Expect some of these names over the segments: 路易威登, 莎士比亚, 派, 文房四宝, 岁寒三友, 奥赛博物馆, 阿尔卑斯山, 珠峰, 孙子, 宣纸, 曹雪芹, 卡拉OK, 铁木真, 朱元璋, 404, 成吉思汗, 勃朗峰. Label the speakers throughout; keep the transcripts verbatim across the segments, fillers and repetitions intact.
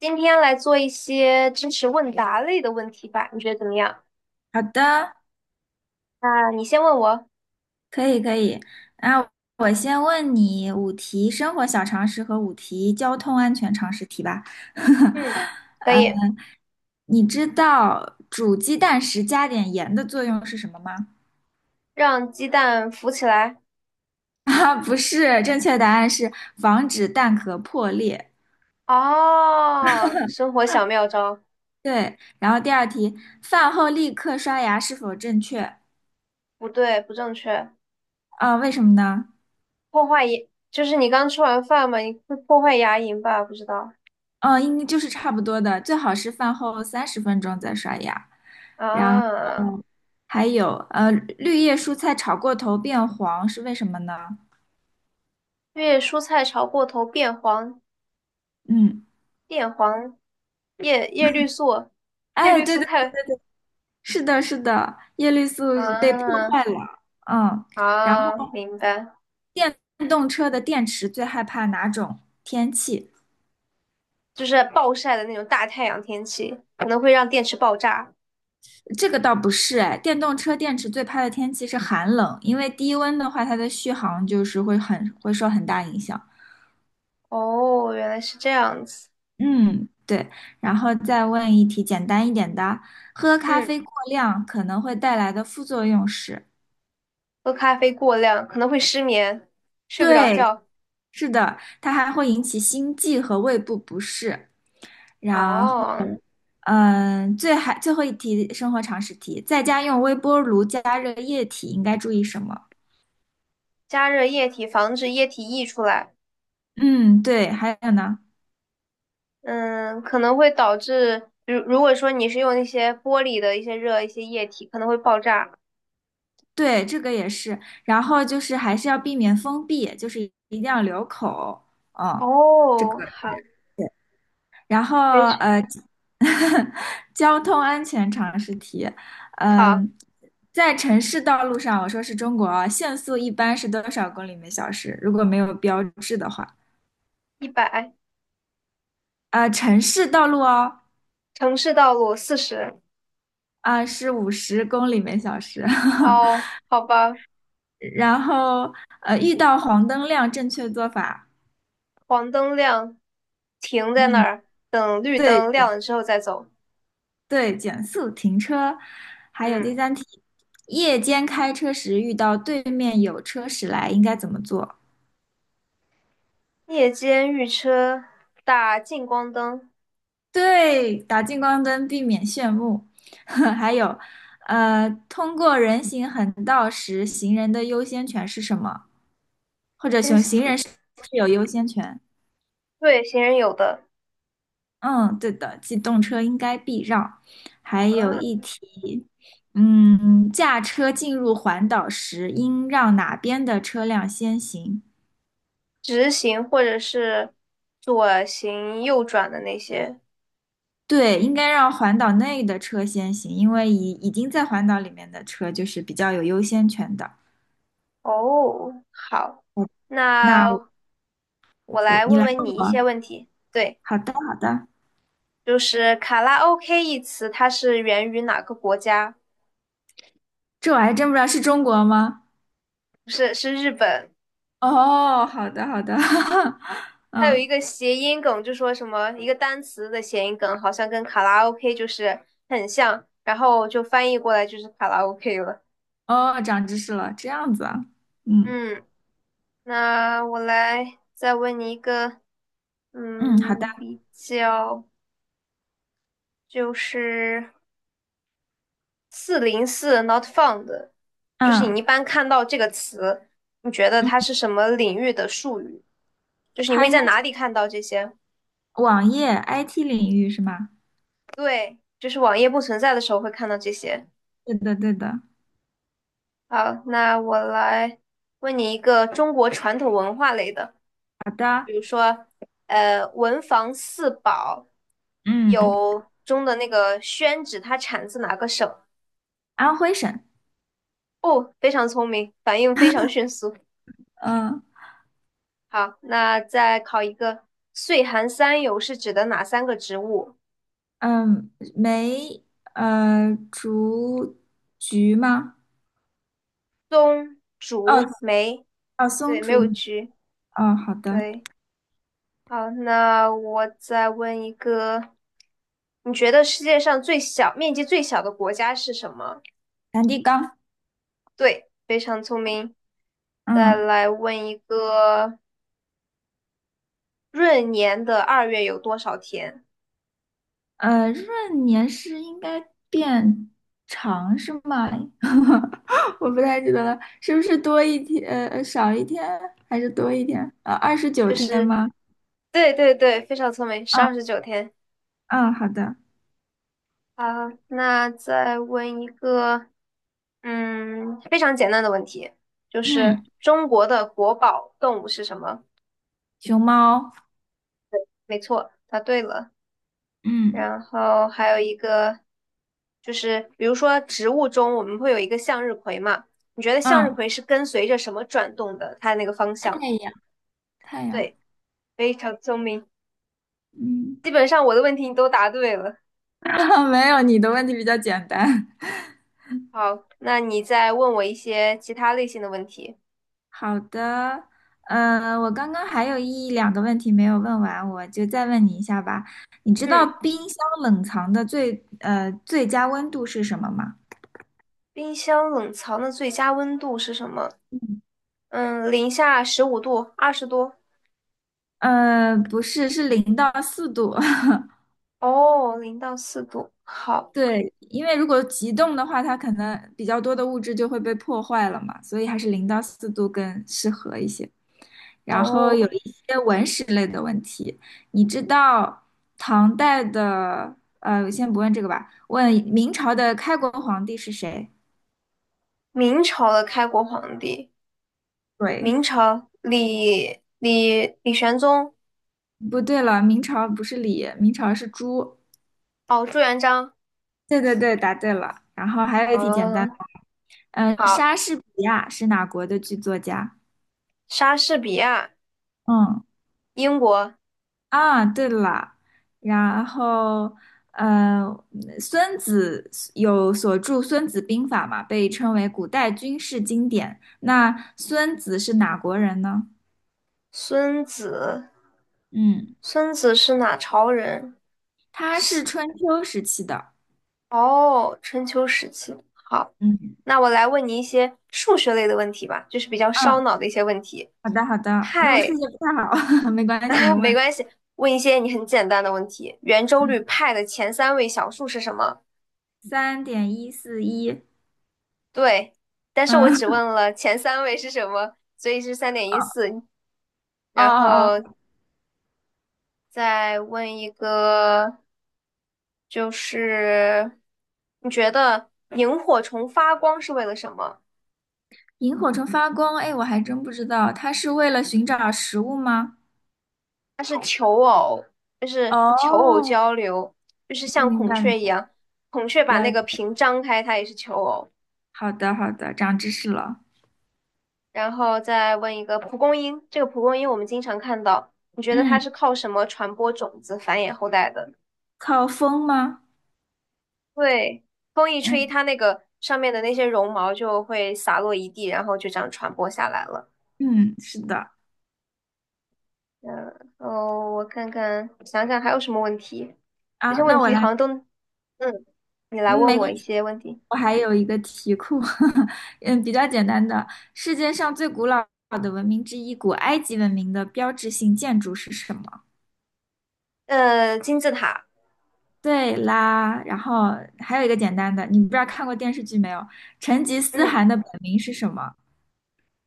Speaker 1: 今天来做一些知识问答类的问题吧，你觉得怎么样？
Speaker 2: 好的，
Speaker 1: 啊，你先问我。
Speaker 2: 可以可以。啊，我先问你五题生活小常识和五题交通安全常识题吧。
Speaker 1: 嗯，可以。
Speaker 2: 你知道煮鸡蛋时加点盐的作用是什么吗？
Speaker 1: 让鸡蛋浮起来。
Speaker 2: 啊，不是，正确答案是防止蛋壳破裂。
Speaker 1: 哦，生活小妙招。
Speaker 2: 对，然后第二题，饭后立刻刷牙是否正确？
Speaker 1: 不对，不正确。
Speaker 2: 啊，为什么呢？
Speaker 1: 破坏牙，就是你刚吃完饭嘛，你会破坏牙龈吧？不知道
Speaker 2: 嗯，应该就是差不多的，最好是饭后三十分钟再刷牙。然
Speaker 1: 啊。
Speaker 2: 还有呃，绿叶蔬菜炒过头变黄是为什么呢？
Speaker 1: 因为蔬菜炒过头变黄，
Speaker 2: 嗯，
Speaker 1: 变黄，叶叶绿素，叶
Speaker 2: 哎，
Speaker 1: 绿
Speaker 2: 对
Speaker 1: 素
Speaker 2: 对，
Speaker 1: 太
Speaker 2: 是的，是的，叶绿素被破
Speaker 1: 啊
Speaker 2: 坏了。嗯，然
Speaker 1: 啊，
Speaker 2: 后
Speaker 1: 明白。
Speaker 2: 电动车的电池最害怕哪种天气？
Speaker 1: 就是暴晒的那种大太阳天气，可能会让电池爆炸。
Speaker 2: 这个倒不是，哎，电动车电池最怕的天气是寒冷，因为低温的话，它的续航就是会很会受很大影响。
Speaker 1: 哦，原来是这样子。
Speaker 2: 嗯，对。然后再问一题简单一点的，喝咖
Speaker 1: 嗯，
Speaker 2: 啡过量可能会带来的副作用是？
Speaker 1: 喝咖啡过量可能会失眠，睡不着
Speaker 2: 对，
Speaker 1: 觉。
Speaker 2: 是的，它还会引起心悸和胃部不适。然后，
Speaker 1: 哦，
Speaker 2: 嗯，最还最后一题生活常识题，在家用微波炉加热液体应该注意什么？
Speaker 1: 加热液体防止液体溢出来。
Speaker 2: 嗯，对，还有呢，
Speaker 1: 嗯，可能会导致，如如果说你是用那些玻璃的一些热一些液体，可能会爆炸。
Speaker 2: 对，这个也是。然后就是还是要避免封闭，就是一定要留口。哦，这个。
Speaker 1: 哦，好，
Speaker 2: 然后
Speaker 1: 非常
Speaker 2: 呃，交通安全常识题，
Speaker 1: 好，
Speaker 2: 嗯、在城市道路上，我说是中国啊，限速一般是多少公里每小时？如果没有标志的话，
Speaker 1: 一百，
Speaker 2: 啊、城市道路哦，
Speaker 1: 城市道路四十。
Speaker 2: 啊、是五十公里每小时。
Speaker 1: 哦，好吧。
Speaker 2: 然后呃，遇到黄灯亮，正确做法，
Speaker 1: 黄灯亮，停在那
Speaker 2: 嗯，
Speaker 1: 儿，等绿
Speaker 2: 对
Speaker 1: 灯亮了之后再走。
Speaker 2: 对，减速停车。还有
Speaker 1: 嗯，
Speaker 2: 第三题，夜间开车时遇到对面有车驶来，应该怎么做？
Speaker 1: 夜间遇车打近光灯，
Speaker 2: 对，打近光灯避免炫目，还有，呃，通过人行横道时，行人的优先权是什么？或者
Speaker 1: 嗯，
Speaker 2: 行行人是不是有优先权？
Speaker 1: 对行人有的，
Speaker 2: 嗯，对的，机动车应该避让。还有一
Speaker 1: 嗯，
Speaker 2: 题，嗯，驾车进入环岛时，应让哪边的车辆先行？
Speaker 1: 直行或者是左行右转的那些。
Speaker 2: 对，应该让环岛内的车先行，因为已已经在环岛里面的车就是比较有优先权的。
Speaker 1: 哦，好，
Speaker 2: 那
Speaker 1: 那我
Speaker 2: 我
Speaker 1: 来
Speaker 2: 你
Speaker 1: 问
Speaker 2: 来
Speaker 1: 问
Speaker 2: 问
Speaker 1: 你一
Speaker 2: 我，
Speaker 1: 些问题。对，
Speaker 2: 好的好的，
Speaker 1: 就是卡拉 OK 一词，它是源于哪个国家？
Speaker 2: 这我还真不知道是中国吗？
Speaker 1: 不是，是日本。
Speaker 2: 哦，好的好的，
Speaker 1: 它有一
Speaker 2: 嗯，
Speaker 1: 个谐音梗，就说什么一个单词的谐音梗，好像跟卡拉 OK 就是很像，然后就翻译过来就是卡拉 OK 了。
Speaker 2: 哦，长知识了，这样子啊，嗯
Speaker 1: 嗯，那我来再问你一个，
Speaker 2: 嗯，好的，
Speaker 1: 嗯，比较就是四零四 not found，就是
Speaker 2: 嗯
Speaker 1: 你一般看到这个词，你觉得
Speaker 2: 嗯，
Speaker 1: 它是什么领域的术语？就是你
Speaker 2: 它
Speaker 1: 会
Speaker 2: 应该
Speaker 1: 在哪
Speaker 2: 是
Speaker 1: 里看到这些？
Speaker 2: 网页 I T 领域是吗？
Speaker 1: 对，就是网页不存在的时候会看到这些。
Speaker 2: 对的对的，
Speaker 1: 好，那我来问你一个中国传统文化类的，
Speaker 2: 好的，
Speaker 1: 比如说，呃，文房四宝
Speaker 2: 嗯，
Speaker 1: 有中的那个宣纸，它产自哪个省？
Speaker 2: 安徽省，
Speaker 1: 哦，非常聪明，反应非常迅速。
Speaker 2: 嗯
Speaker 1: 好，那再考一个，岁寒三友是指的哪三个植物？
Speaker 2: 嗯，梅呃竹菊吗？
Speaker 1: 松、
Speaker 2: 哦
Speaker 1: 竹、梅。
Speaker 2: 哦，松
Speaker 1: 对，没有
Speaker 2: 竹，
Speaker 1: 菊。
Speaker 2: 哦，好的，
Speaker 1: 对，好，那我再问一个，你觉得世界上最小面积最小的国家是什么？
Speaker 2: 梵蒂冈，
Speaker 1: 对，非常聪明。再
Speaker 2: 嗯。
Speaker 1: 来问一个，闰年的二月有多少天？
Speaker 2: 呃，闰年是应该变长是吗？我不太记得了，是不是多一天，呃，呃少一天还是多一天？呃，二十九
Speaker 1: 就
Speaker 2: 天
Speaker 1: 是
Speaker 2: 吗？
Speaker 1: 对对对，非常聪明，是
Speaker 2: 嗯
Speaker 1: 二十九天。
Speaker 2: 嗯，好的。
Speaker 1: 好，那再问一个，嗯，非常简单的问题，就是
Speaker 2: 嗯，
Speaker 1: 中国的国宝动物是什么？
Speaker 2: 熊猫。
Speaker 1: 没错，答对了。
Speaker 2: 嗯
Speaker 1: 然后还有一个，就是比如说植物中我们会有一个向日葵嘛，你觉得向日
Speaker 2: 嗯，
Speaker 1: 葵是跟随着什么转动的？它的那个方
Speaker 2: 太
Speaker 1: 向？
Speaker 2: 阳太阳。
Speaker 1: 对。非常聪明，
Speaker 2: 嗯，
Speaker 1: 基本上我的问题你都答对了。
Speaker 2: 没有，你的问题比较简单。
Speaker 1: 好，那你再问我一些其他类型的问题。
Speaker 2: 好的，呃，我刚刚还有一两个问题没有问完，我就再问你一下吧。你知道
Speaker 1: 嗯，
Speaker 2: 冰箱冷藏的最呃最佳温度是什么吗？
Speaker 1: 冰箱冷藏的最佳温度是什么？嗯，零下十五度、二十度。
Speaker 2: 呃，不是，是零到四度。
Speaker 1: 哦，零到四度。好。
Speaker 2: 对，因为如果急冻的话，它可能比较多的物质就会被破坏了嘛，所以还是零到四度更适合一些。然后
Speaker 1: 哦，
Speaker 2: 有一些文史类的问题。你知道唐代的，呃，先不问这个吧，问明朝的开国皇帝是谁？
Speaker 1: 明朝的开国皇帝，
Speaker 2: 对，
Speaker 1: 明朝李李李玄宗。
Speaker 2: 不对了，明朝不是李，明朝是朱。
Speaker 1: 哦，朱元璋。
Speaker 2: 对对对，答对了。然后还有一题简单的，
Speaker 1: 嗯，
Speaker 2: 嗯、
Speaker 1: 好。
Speaker 2: 莎士比亚是哪国的剧作家？
Speaker 1: 莎士比亚，
Speaker 2: 嗯。
Speaker 1: 英国。
Speaker 2: 啊，对了，然后呃，孙子有所著《孙子兵法》嘛，被称为古代军事经典。那孙子是哪国人呢？
Speaker 1: 孙子，
Speaker 2: 嗯，
Speaker 1: 孙子是哪朝人？
Speaker 2: 他是春秋时期的。
Speaker 1: 哦，春秋时期。好，
Speaker 2: 嗯
Speaker 1: 那我来问你一些数学类的问题吧，就是比较烧
Speaker 2: 嗯，
Speaker 1: 脑的一些问题。
Speaker 2: 好的好的，那我数
Speaker 1: 派，
Speaker 2: 学不太好，没 关系，你
Speaker 1: 啊，没
Speaker 2: 问。
Speaker 1: 关系，问一些你很简单的问题。圆周
Speaker 2: 嗯，
Speaker 1: 率派的前三位小数是什么？
Speaker 2: 三点一四一。
Speaker 1: 对，但是我
Speaker 2: 嗯，
Speaker 1: 只 问了前三位是什么，所以是三点一四。
Speaker 2: 哦
Speaker 1: 然
Speaker 2: 哦
Speaker 1: 后
Speaker 2: 哦，
Speaker 1: 再问一个，就是你觉得萤火虫发光是为了什么？
Speaker 2: 萤火虫发光，哎，我还真不知道，它是为了寻找食物吗？
Speaker 1: 它是求偶，就是求偶
Speaker 2: 哦，
Speaker 1: 交流，就是像
Speaker 2: 明
Speaker 1: 孔
Speaker 2: 白
Speaker 1: 雀一样，孔雀把那个
Speaker 2: 了。
Speaker 1: 屏张开，它也是求偶。
Speaker 2: 好的，好的，长知识了。
Speaker 1: 然后再问一个蒲公英，这个蒲公英我们经常看到，你觉得它
Speaker 2: 嗯
Speaker 1: 是靠什么传播种子、繁衍后代的？
Speaker 2: 靠风吗？
Speaker 1: 对，风一吹，
Speaker 2: 嗯，
Speaker 1: 它那个上面的那些绒毛就会洒落一地，然后就这样传播下来了。
Speaker 2: 嗯，是的。
Speaker 1: 嗯，哦，我看看，想想还有什么问题？这
Speaker 2: 啊，
Speaker 1: 些问
Speaker 2: 那我
Speaker 1: 题好
Speaker 2: 来，
Speaker 1: 像都，嗯，你来
Speaker 2: 嗯，
Speaker 1: 问
Speaker 2: 没
Speaker 1: 我
Speaker 2: 关
Speaker 1: 一
Speaker 2: 系，
Speaker 1: 些问题。
Speaker 2: 我还有一个题库，嗯，比较简单的。世界上最古老的文明之一，古埃及文明的标志性建筑是什么？
Speaker 1: 呃，金字塔。
Speaker 2: 对啦，然后还有一个简单的，你不知道看过电视剧没有？成吉思
Speaker 1: 嗯，
Speaker 2: 汗的本名是什么？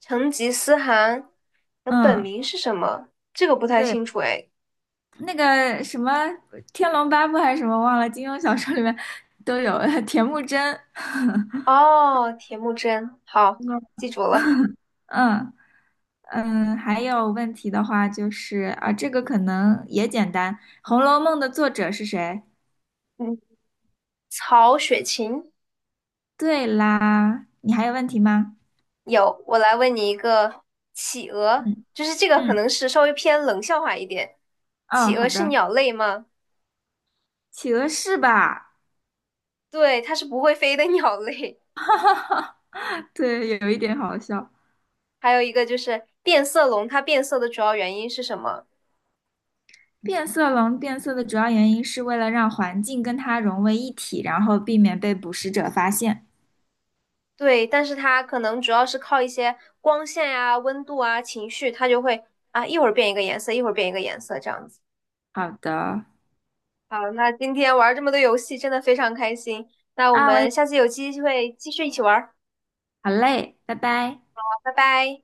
Speaker 1: 成吉思汗的本
Speaker 2: 嗯，
Speaker 1: 名是什么？这个不太
Speaker 2: 对，
Speaker 1: 清楚哎。
Speaker 2: 那个什么《天龙八部》还是什么忘了，金庸小说里面都有 铁木真。
Speaker 1: 哦，铁木真，好，记住了。
Speaker 2: 嗯嗯，还有问题的话就是啊，这个可能也简单，《红楼梦》的作者是谁？
Speaker 1: 嗯，曹雪芹。
Speaker 2: 对啦，你还有问题吗？
Speaker 1: 有，我来问你一个，企鹅，
Speaker 2: 嗯
Speaker 1: 就是这个可
Speaker 2: 嗯，
Speaker 1: 能是稍微偏冷笑话一点。
Speaker 2: 哦，
Speaker 1: 企
Speaker 2: 好
Speaker 1: 鹅是
Speaker 2: 的，
Speaker 1: 鸟类吗？
Speaker 2: 企鹅是吧？
Speaker 1: 对，它是不会飞的鸟类。
Speaker 2: 对，有一点好笑。
Speaker 1: 还有一个就是变色龙，它变色的主要原因是什么？
Speaker 2: 变色龙变色的主要原因是为了让环境跟它融为一体，然后避免被捕食者发现。
Speaker 1: 对，但是它可能主要是靠一些光线呀、温度啊、情绪，它就会啊一会儿变一个颜色，一会儿变一个颜色这样子。
Speaker 2: 好的，
Speaker 1: 好，那今天玩这么多游戏，真的非常开心。那我
Speaker 2: 啊，我
Speaker 1: 们
Speaker 2: 也
Speaker 1: 下次有机会继续一起玩儿。
Speaker 2: 好嘞，拜拜。
Speaker 1: 好，拜拜。